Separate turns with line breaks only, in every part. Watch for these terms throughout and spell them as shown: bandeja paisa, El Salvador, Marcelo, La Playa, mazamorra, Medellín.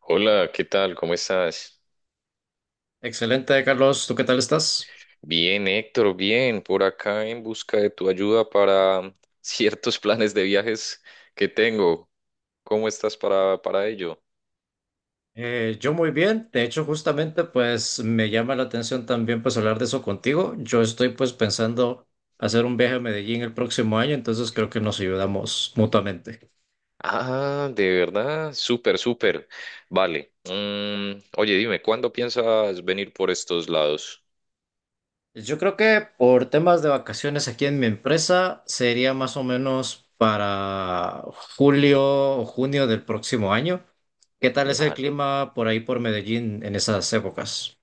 Hola, ¿qué tal? ¿Cómo estás?
Excelente, Carlos. ¿Tú qué tal estás?
Bien, Héctor, bien, por acá en busca de tu ayuda para ciertos planes de viajes que tengo. ¿Cómo estás para ello?
Yo muy bien. De hecho, justamente, pues me llama la atención también pues hablar de eso contigo. Yo estoy pues pensando hacer un viaje a Medellín el próximo año, entonces creo que nos ayudamos mutuamente.
Ah, de verdad, súper, súper. Vale. Mm, oye, dime, ¿cuándo piensas venir por estos lados?
Yo creo que por temas de vacaciones aquí en mi empresa sería más o menos para julio o junio del próximo año. ¿Qué tal es el
Vale.
clima por ahí por Medellín en esas épocas?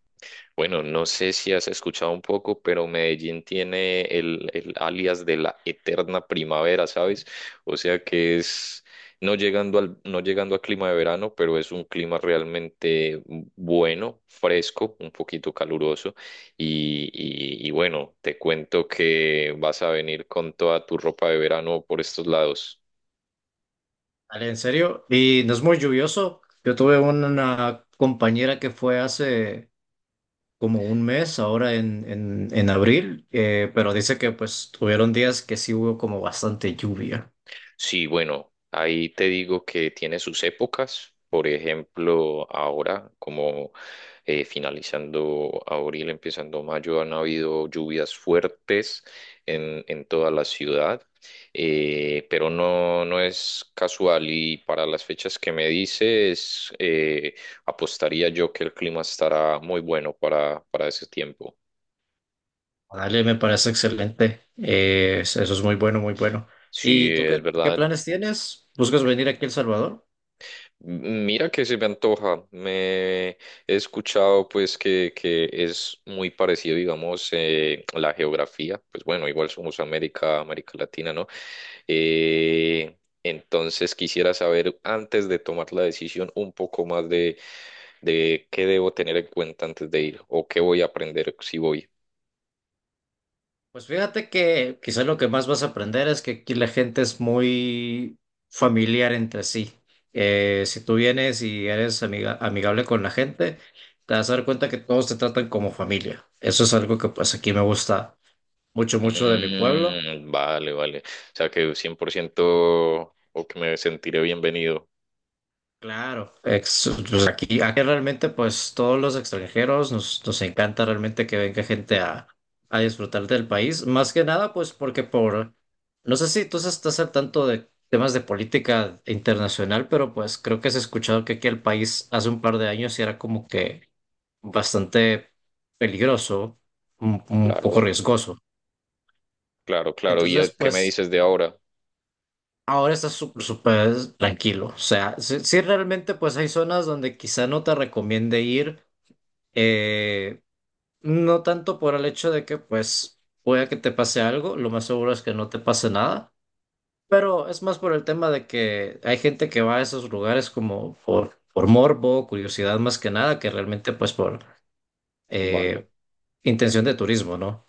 Bueno, no sé si has escuchado un poco, pero Medellín tiene el alias de la eterna primavera, ¿sabes? O sea que es no llegando al, no llegando a clima de verano, pero es un clima realmente bueno, fresco, un poquito caluroso. Y bueno, te cuento que vas a venir con toda tu ropa de verano por estos lados.
Dale, en serio. Y no es muy lluvioso. Yo tuve una compañera que fue hace como un mes, ahora en abril, pero dice que pues tuvieron días que sí hubo como bastante lluvia.
Sí, bueno, ahí te digo que tiene sus épocas. Por ejemplo, ahora, como finalizando abril, empezando mayo, han habido lluvias fuertes en toda la ciudad, pero no, no es casual y para las fechas que me dices, apostaría yo que el clima estará muy bueno para ese tiempo.
Dale, me parece excelente. Eso es muy bueno, muy bueno.
Sí,
¿Y
es
tú qué
verdad.
planes tienes? ¿Buscas venir aquí a El Salvador?
Mira que se me antoja. Me he escuchado pues que es muy parecido, digamos, la geografía. Pues bueno, igual somos América, América Latina, ¿no? Eh, entonces quisiera saber, antes de tomar la decisión, un poco más de qué debo tener en cuenta antes de ir o qué voy a aprender si voy.
Pues fíjate que quizás lo que más vas a aprender es que aquí la gente es muy familiar entre sí. Si tú vienes y eres amigable con la gente, te vas a dar cuenta que todos te tratan como familia. Eso es algo que pues aquí me gusta mucho, mucho de mi pueblo.
Mm, vale, vale. O sea que 100% o que me sentiré bienvenido.
Claro, pues aquí realmente pues todos los extranjeros nos encanta realmente que venga gente a disfrutar del país, más que nada pues porque por, no sé si tú estás al tanto de temas de política internacional, pero pues creo que has escuchado que aquí el país hace un par de años sí era como que bastante peligroso, un poco
Claro.
riesgoso.
Claro, claro. ¿Y a-
Entonces
qué me
pues
dices de ahora?
ahora está súper tranquilo. O sea, sí, sí realmente pues hay zonas donde quizá no te recomiende ir, eh, no tanto por el hecho de que pues pueda que te pase algo, lo más seguro es que no te pase nada, pero es más por el tema de que hay gente que va a esos lugares como por morbo, curiosidad más que nada, que realmente pues por
Vale,
eh, intención de turismo, ¿no?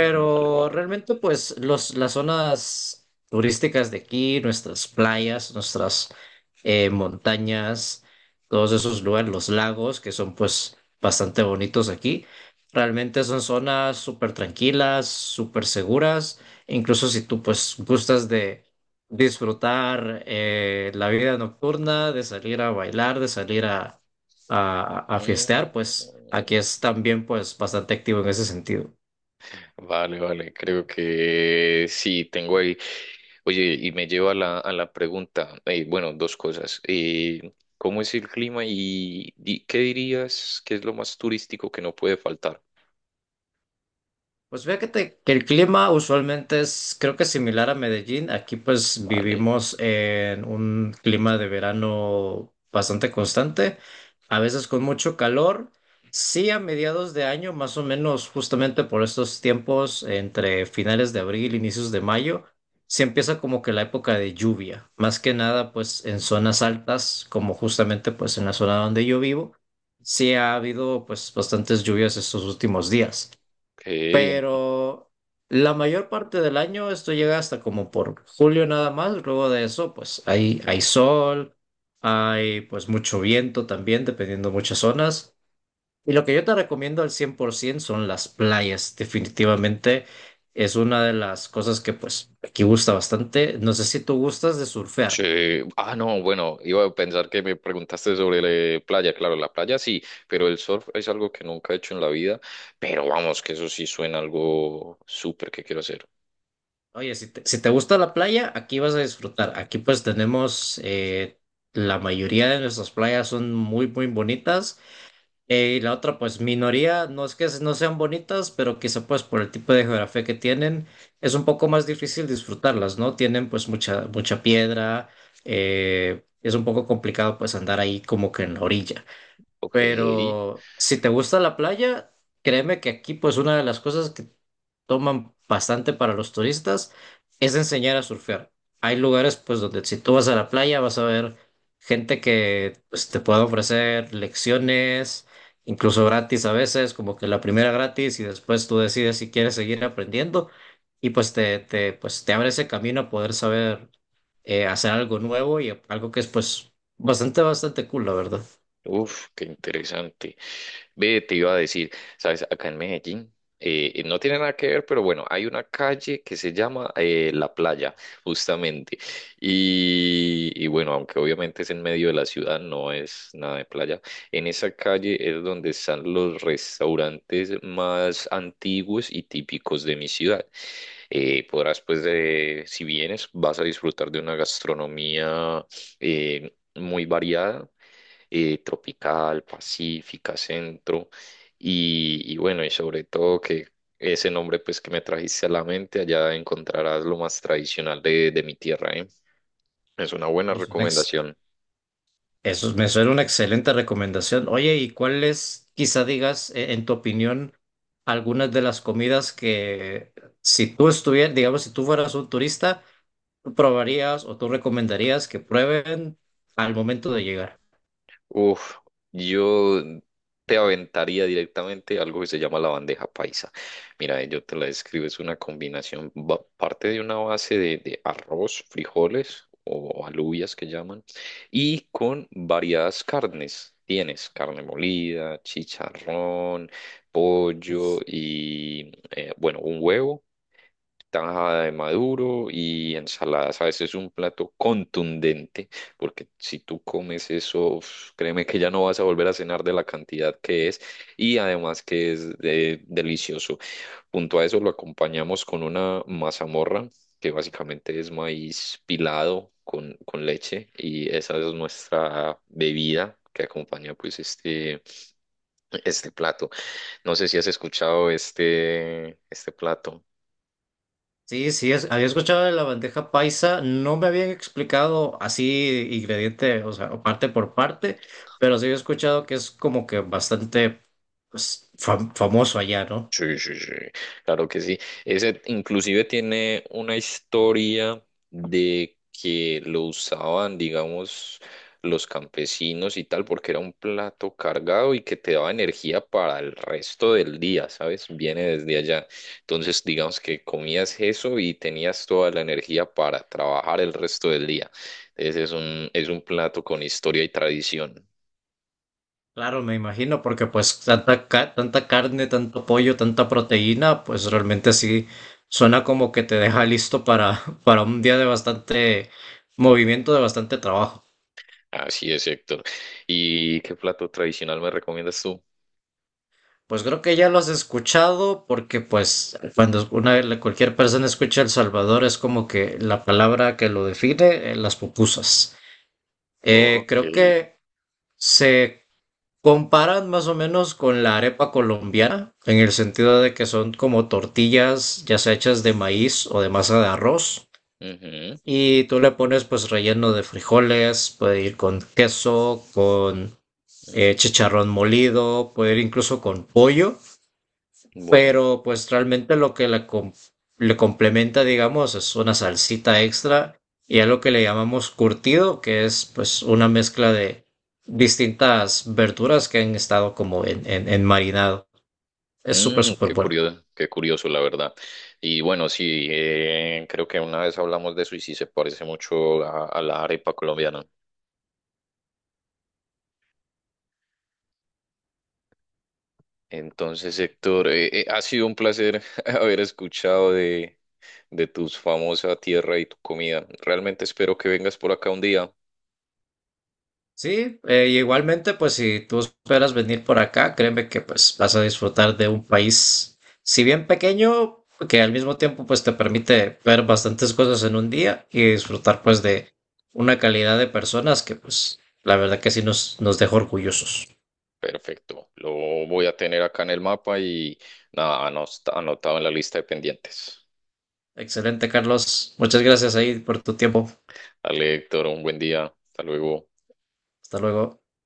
vale, vale.
realmente pues los, las zonas turísticas de aquí, nuestras playas, nuestras montañas, todos esos lugares, los lagos, que son pues bastante bonitos aquí. Realmente son zonas súper tranquilas, súper seguras, incluso si tú pues gustas de disfrutar la vida nocturna, de salir a bailar, de salir a fiestear,
Mm.
pues aquí es también pues bastante activo en ese sentido.
Vale, vale. Creo que sí, tengo ahí. Oye, y me lleva a la pregunta. Bueno, dos cosas. ¿Cómo es el clima y, di- qué dirías que es lo más turístico que no puede faltar?
Pues fíjate que el clima usualmente es, creo que similar a Medellín. Aquí pues
Vale.
vivimos en un clima de verano bastante constante, a veces con mucho calor. Sí, a mediados de año, más o menos justamente por estos tiempos, entre finales de abril, inicios de mayo, se empieza como que la época de lluvia. Más que nada pues en zonas altas, como justamente pues en la zona donde yo vivo, sí ha habido pues bastantes lluvias estos últimos días,
Ok.
pero la mayor parte del año esto llega hasta como por julio nada más, luego de eso pues hay sol, hay pues mucho viento también, dependiendo muchas zonas. Y lo que yo te recomiendo al 100% son las playas, definitivamente es una de las cosas que pues aquí gusta bastante. No sé si tú gustas de surfear.
Sí. Ah, no, bueno, iba a pensar que me preguntaste sobre la playa. Claro, la playa sí, pero el surf es algo que nunca he hecho en la vida. Pero vamos, que eso sí suena algo súper que quiero hacer.
Oye, si te, si te gusta la playa, aquí vas a disfrutar. Aquí pues tenemos... la mayoría de nuestras playas son muy, muy bonitas. Y la otra, pues minoría, no es que no sean bonitas, pero quizá pues por el tipo de geografía que tienen, es un poco más difícil disfrutarlas, ¿no? Tienen pues mucha, mucha piedra, es un poco complicado pues andar ahí como que en la orilla.
Ok.
Pero si te gusta la playa, créeme que aquí pues una de las cosas que toman bastante para los turistas es enseñar a surfear. Hay lugares pues donde si tú vas a la playa vas a ver gente que pues, te puede ofrecer lecciones, incluso gratis a veces, como que la primera gratis y después tú decides si quieres seguir aprendiendo y pues te abre ese camino a poder saber hacer algo nuevo y algo que es pues bastante, bastante cool, la verdad.
Uf, qué interesante. Ve, te iba a decir, sabes, acá en Medellín, no tiene nada que ver, pero bueno, hay una calle que se llama La Playa, justamente. Y bueno, aunque obviamente es en medio de la ciudad, no es nada de playa. En esa calle es donde están los restaurantes más antiguos y típicos de mi ciudad. Podrás, pues, si vienes, vas a disfrutar de una gastronomía muy variada, tropical, pacífica, centro, y bueno, y sobre todo que ese nombre pues que me trajiste a la mente, allá encontrarás lo más tradicional de mi tierra, ¿eh? Es una buena
Y eso, next.
recomendación.
Eso me suena una excelente recomendación. Oye, ¿y cuáles, quizá digas, en tu opinión, algunas de las comidas que si tú estuvieras, digamos, si tú fueras un turista, tú probarías o tú recomendarías que prueben al momento de llegar?
Uf, yo te aventaría directamente algo que se llama la bandeja paisa. Mira, yo te la describo, es una combinación, va- parte de una base de arroz, frijoles o alubias que llaman, y con variadas carnes. Tienes carne molida, chicharrón, pollo y, bueno, un huevo, tajada de maduro y ensaladas. A veces es un plato contundente, porque si tú comes eso, uf, créeme que ya no vas a volver a cenar de la cantidad que es y además que es de- delicioso. Junto a eso lo acompañamos con una mazamorra, que básicamente es maíz pilado con leche y esa es nuestra bebida que acompaña pues este plato. No sé si has escuchado este, este plato.
Sí, sí, había escuchado de la bandeja paisa, no me habían explicado así ingrediente, o sea, o parte por parte, pero sí había escuchado que es como que bastante pues, famoso allá, no.
Sí, sí, sí, claro que sí. Ese inclusive tiene una historia de que lo usaban, digamos, los campesinos y tal, porque era un plato cargado y que te daba energía para el resto del día, ¿sabes? Viene desde allá. Entonces, digamos que comías eso y tenías toda la energía para trabajar el resto del día. Ese es un plato con historia y tradición.
Claro, me imagino, porque pues tanta, tanta carne, tanto pollo, tanta proteína, pues realmente sí suena como que te deja listo para, para un día de bastante movimiento, de bastante trabajo.
Así es, Héctor. ¿Y qué plato tradicional me recomiendas tú?
Pues creo que ya lo has escuchado, porque pues cuando una, cualquier persona escucha El Salvador es como que la palabra que lo define, las pupusas.
Ok.
Creo que se comparan más o menos con la arepa colombiana, en el sentido de que son como tortillas ya sea hechas de maíz o de masa de arroz.
Ujú.
Y tú le pones pues relleno de frijoles, puede ir con queso, con
Mm.
chicharrón molido, puede ir incluso con pollo,
Bueno.
pero pues realmente lo que le, le complementa, digamos, es una salsita extra y algo que le llamamos curtido, que es pues una mezcla de distintas verduras que han estado como en marinado. Es súper,
Mm,
súper bueno.
qué curioso, la verdad. Y bueno, sí, creo que una vez hablamos de eso y sí se parece mucho a la arepa colombiana. Entonces, Héctor, ha sido un placer haber escuchado de tus famosa tierra y tu comida. Realmente espero que vengas por acá un día.
Sí, y igualmente, pues si tú esperas venir por acá, créeme que pues vas a disfrutar de un país, si bien pequeño, que al mismo tiempo pues te permite ver bastantes cosas en un día y disfrutar pues de una calidad de personas que pues la verdad que sí nos dejó orgullosos.
Perfecto, lo voy a tener acá en el mapa y nada, anos- anotado en la lista de pendientes.
Excelente, Carlos. Muchas gracias ahí por tu tiempo.
Dale, Héctor, un buen día. Hasta luego.
Hasta luego.